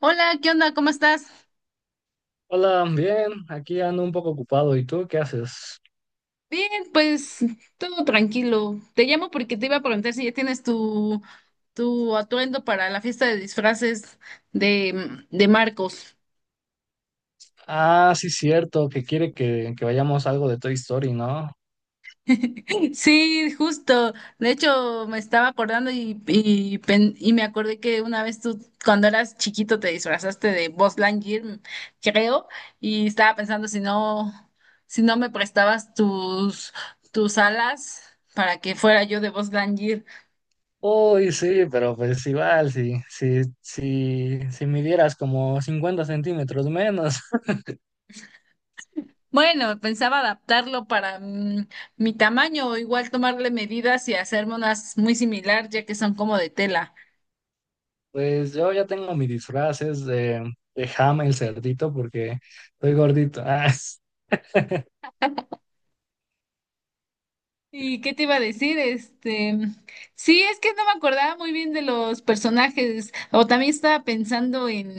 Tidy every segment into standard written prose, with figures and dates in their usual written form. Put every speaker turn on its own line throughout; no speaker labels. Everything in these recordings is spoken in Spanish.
Hola, ¿qué onda? ¿Cómo estás?
Hola, bien, aquí ando un poco ocupado. ¿Y tú qué haces?
Bien, pues todo tranquilo. Te llamo porque te iba a preguntar si ya tienes tu atuendo para la fiesta de disfraces de, de Marcos.
Ah, sí, cierto, que quiere que vayamos a algo de Toy Story, ¿no?
Sí, justo. De hecho, me estaba acordando y y me acordé que una vez tú, cuando eras chiquito, te disfrazaste de Buzz Lightyear, creo, y estaba pensando si no me prestabas tus alas para que fuera yo de Buzz Lightyear.
Uy, sí, pero pues igual, si midieras como 50 cm menos.
Bueno, pensaba adaptarlo para mi tamaño o igual tomarle medidas y hacerme unas muy similar, ya que son como de tela.
Pues yo ya tengo mis disfraces de Ham el cerdito porque estoy gordito. Ah,
¿Y qué te iba a decir? Este, sí, es que no me acordaba muy bien de los personajes, o también estaba pensando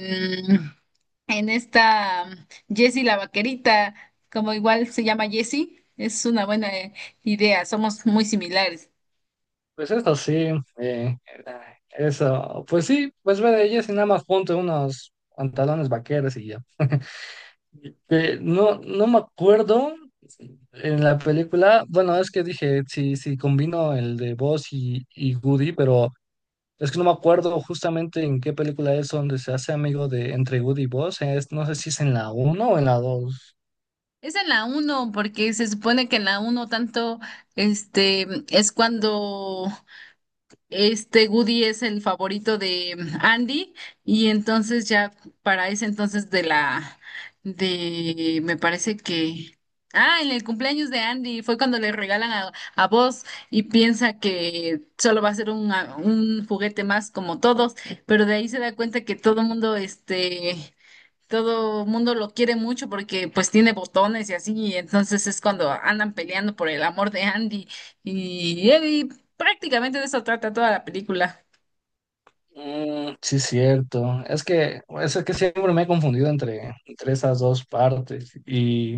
en esta Jessie la vaquerita, como igual se llama Jessie, es una buena idea, somos muy similares.
pues eso sí. eh, Eso, pues sí, pues ve de ellas y nada más ponte unos pantalones vaqueros y ya. No, no me acuerdo. En la película, bueno, es que dije, sí, sí, combino el de Buzz y Woody, pero es que no me acuerdo justamente en qué película es donde se hace amigo de entre Woody y Buzz. No sé si es en la uno o en la dos.
Es en la uno porque se supone que en la uno tanto, este, es cuando este Woody es el favorito de Andy y entonces ya para ese entonces de la de me parece que ah en el cumpleaños de Andy fue cuando le regalan a Buzz y piensa que solo va a ser un juguete más como todos, pero de ahí se da cuenta que todo el mundo este todo mundo lo quiere mucho porque pues tiene botones y así, y entonces es cuando andan peleando por el amor de Andy y Eddie. Prácticamente de eso trata toda la película.
Mm, sí, cierto. Es que siempre me he confundido entre esas dos partes. Y,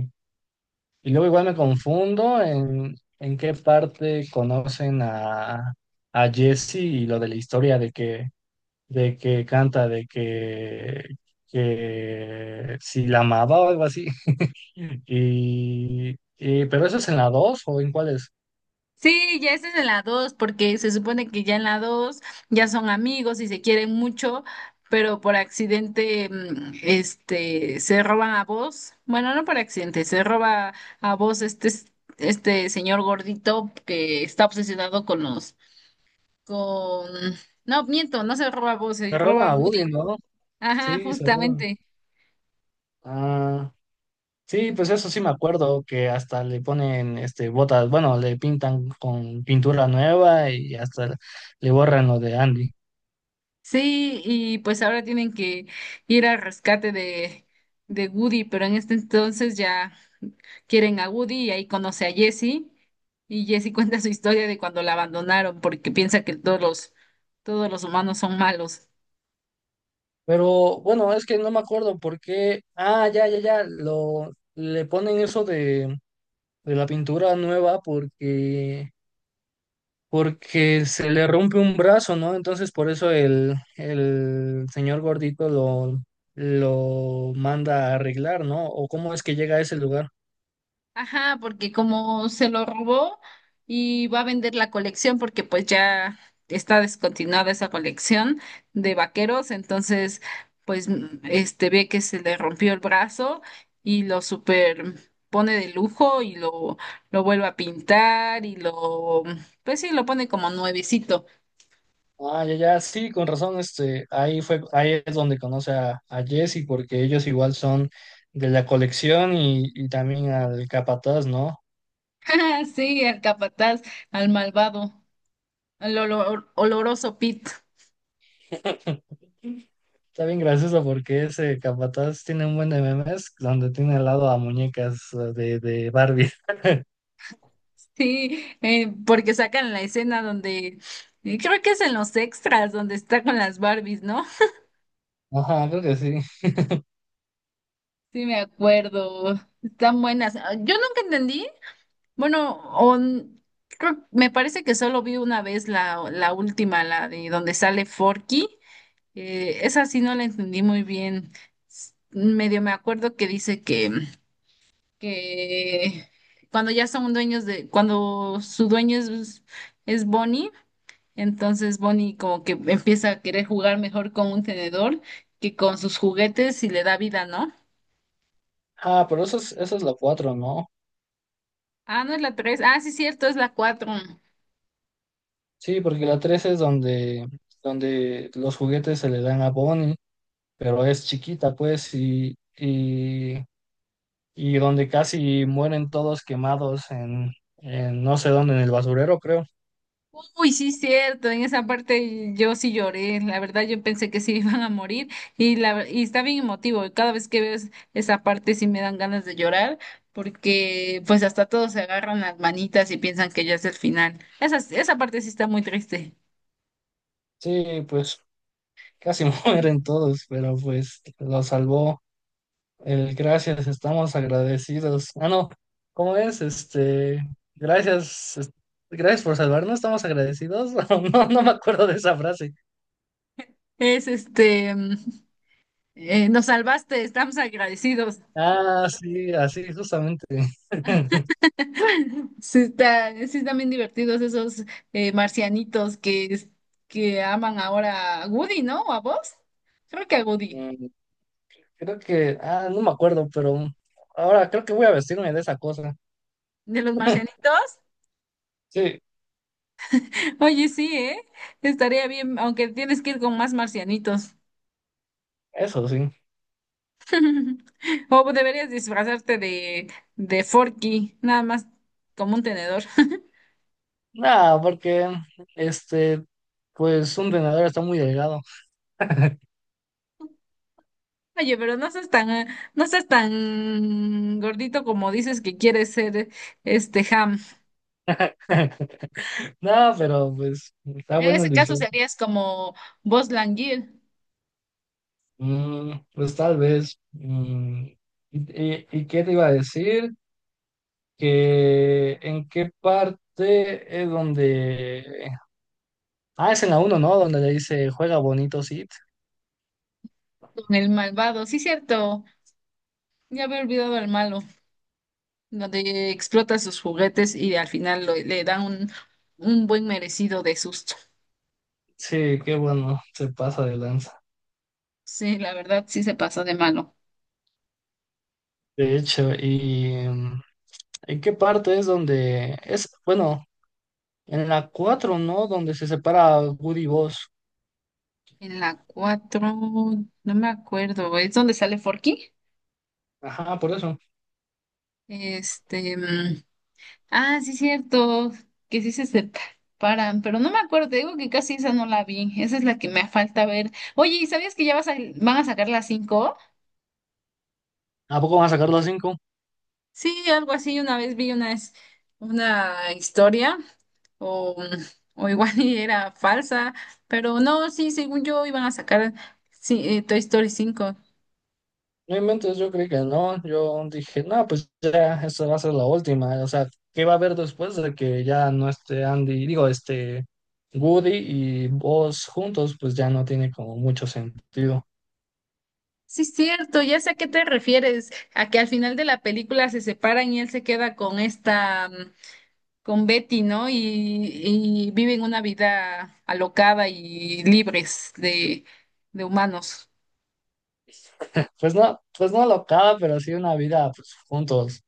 y luego igual me confundo en qué parte conocen a Jesse y lo de la historia de que canta, de que si la amaba o algo así. Pero eso es en la 2 o en cuál es.
Sí, ya esa es en la 2 porque se supone que ya en la 2 ya son amigos y se quieren mucho, pero por accidente este se roban a vos. Bueno, no por accidente, se roba a vos este señor gordito que está obsesionado con los con... No, miento, no se roba Buzz, se
Se roba
roba
a Woody,
Woody.
¿no?
Ajá,
Sí, se roban.
justamente.
Ah, sí, pues eso sí me acuerdo que hasta le ponen botas, bueno, le pintan con pintura nueva y hasta le borran lo de Andy.
Sí, y pues ahora tienen que ir al rescate de Woody, pero en este entonces ya quieren a Woody y ahí conoce a Jesse. Y Jesse cuenta su historia de cuando la abandonaron porque piensa que todos los humanos son malos.
Pero bueno, es que no me acuerdo por qué. Ah, ya, ya, ya, lo le ponen eso de la pintura nueva porque se le rompe un brazo, ¿no? Entonces por eso el señor gordito lo manda a arreglar, ¿no? ¿O cómo es que llega a ese lugar?
Ajá, porque como se lo robó y va a vender la colección porque pues ya está descontinuada esa colección de vaqueros, entonces pues este ve que se le rompió el brazo y lo super pone de lujo y lo vuelve a pintar y lo pues sí lo pone como nuevecito.
Ah, ya, ya, sí, con razón, ahí fue, ahí es donde conoce a Jesse, porque ellos igual son de la colección y también al capataz, ¿no?
Sí, al capataz, al malvado, al oloroso Pit.
Está bien gracioso porque ese capataz tiene un buen de memes donde tiene al lado a muñecas de Barbie.
Sí, porque sacan la escena donde, creo que es en los extras, donde está con las Barbies, ¿no?
Ajá, creo que sí.
Sí, me acuerdo. Están buenas. Ah, yo nunca entendí. Bueno, o n- creo, me parece que solo vi una vez la, la última, la de donde sale Forky. Esa sí no la entendí muy bien. Medio me acuerdo que dice que cuando ya son dueños de, cuando su dueño es Bonnie. Entonces Bonnie como que empieza a querer jugar mejor con un tenedor que con sus juguetes y le da vida, ¿no?
Ah, pero eso es la 4, ¿no?
Ah, no es la tres. Ah, sí, cierto, es la cuatro.
Sí, porque la 3 es donde los juguetes se le dan a Bonnie, pero es chiquita, pues, y donde casi mueren todos quemados en no sé dónde, en el basurero, creo.
Uy, sí, cierto. En esa parte yo sí lloré. La verdad, yo pensé que sí iban a morir y está bien emotivo. Cada vez que veo esa parte sí me dan ganas de llorar porque pues hasta todos se agarran las manitas y piensan que ya es el final. Esa parte sí está muy triste.
Sí, pues casi mueren todos, pero pues lo salvó. El gracias, estamos agradecidos. Ah, no, ¿cómo es? Gracias, gracias por salvarnos, estamos agradecidos. No, no me acuerdo de esa frase.
Es este, nos salvaste, estamos agradecidos.
Ah, sí, así, justamente.
Sí, está, sí están bien divertidos esos marcianitos que aman ahora a Woody, ¿no? ¿O a vos? Creo que a Woody.
Mm, Creo que, no me acuerdo, pero ahora creo que voy a vestirme de esa cosa.
¿De los marcianitos?
Sí,
Oye, sí, ¿eh? Estaría bien, aunque tienes que ir con más marcianitos.
eso sí.
O deberías disfrazarte de Forky, nada más como un tenedor.
Nada, porque, este, pues un vendedor está muy delgado.
Oye, pero no seas tan, no seas tan gordito como dices que quieres ser este Ham.
Nada, pero pues está
En
bueno el
ese caso
disfraz.
serías como Buzz Lightyear.
Pues tal vez. ¿Y qué te iba a decir? Que en qué parte es donde. Ah, es en la uno, ¿no? Donde le dice, juega bonito, sí.
Con el malvado, sí, cierto. Ya había olvidado al malo, donde explota sus juguetes y al final le da un buen merecido de susto.
Sí, qué bueno, se pasa de lanza.
Sí, la verdad, sí se pasó de malo.
De hecho, ¿y en qué parte es donde es? Bueno, en la 4, ¿no? Donde se separa Woody y Buzz.
En la 4, no me acuerdo, ¿es donde sale Forky?
Ajá, por eso.
Este, ah, sí, cierto, que sí se separan, pero no me acuerdo, te digo que casi esa no la vi, esa es la que me falta ver. Oye, ¿y sabías que ya van a sacar la 5?
¿A poco van a sacar la 5?
Sí, algo así. Una vez vi una, una historia o, o igual y era falsa, pero no, sí, según yo iban a sacar sí, Toy Story 5.
No inventes, yo creí que no. Yo dije, no, pues ya, esta va a ser la última. O sea, ¿qué va a haber después de que ya no esté Andy? Digo, Woody y Buzz juntos, pues ya no tiene como mucho sentido.
Sí, cierto, ya sé a qué te refieres, a que al final de la película se separan y él se queda con esta, con Betty, ¿no? Y viven una vida alocada y libres de humanos.
Pues no locada, pero sí una vida, pues juntos.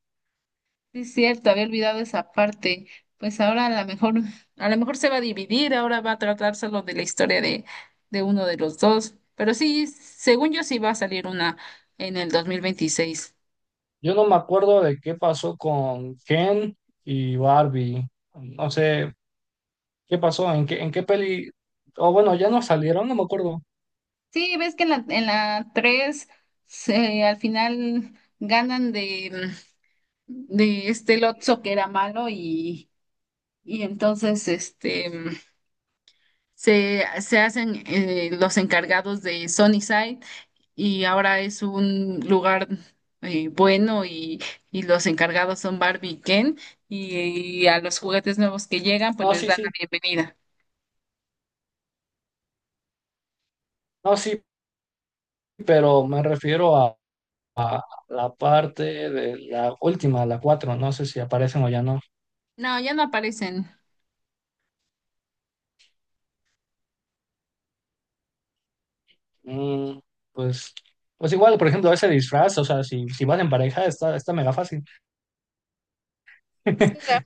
Sí, es cierto, había olvidado esa parte. Pues ahora a lo mejor se va a dividir, ahora va a tratar solo de la historia de uno de los dos. Pero sí, según yo sí va a salir una en el 2026.
Yo no me acuerdo de qué pasó con Ken y Barbie. No sé qué pasó, en qué peli. O bueno, ya no salieron, no me acuerdo.
Sí, ves que en la 3 al final ganan de este Lotso que era malo y entonces este se hacen los encargados de Sunnyside y ahora es un lugar bueno y los encargados son Barbie y Ken y, a los juguetes nuevos que llegan pues
No,
les
sí,
dan la
sí.
bienvenida.
No, sí, pero me refiero a la parte de la última, la cuatro. No sé si aparecen o ya no.
No, ya no aparecen.
Mm, pues, pues igual, por ejemplo, ese disfraz, o sea, si van en pareja, está mega fácil.
Sí,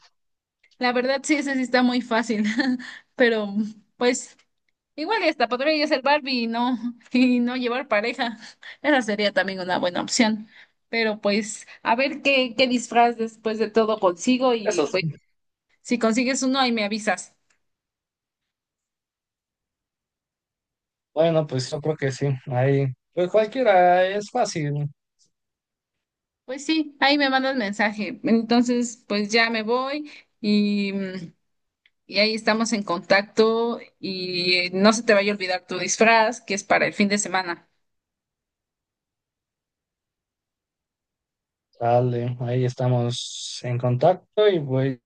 la verdad sí, ese sí está muy fácil, pero pues igual y hasta podría yo ser Barbie y no, y no llevar pareja. Esa sería también una buena opción. Pero pues a ver qué, qué disfraz después de todo consigo y
Eso
pues
sí.
si consigues uno ahí me avisas.
Bueno, pues yo creo que sí. Ahí, pues cualquiera es fácil.
Pues sí, ahí me mandas mensaje. Entonces, pues ya me voy y, y ahí estamos en contacto y no se te vaya a olvidar tu disfraz, que es para el fin de semana.
Dale, ahí estamos en contacto y pues,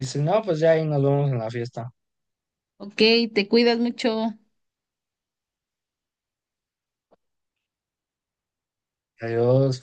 si no, pues ya ahí nos vemos en la fiesta.
Ok, te cuidas mucho.
Adiós.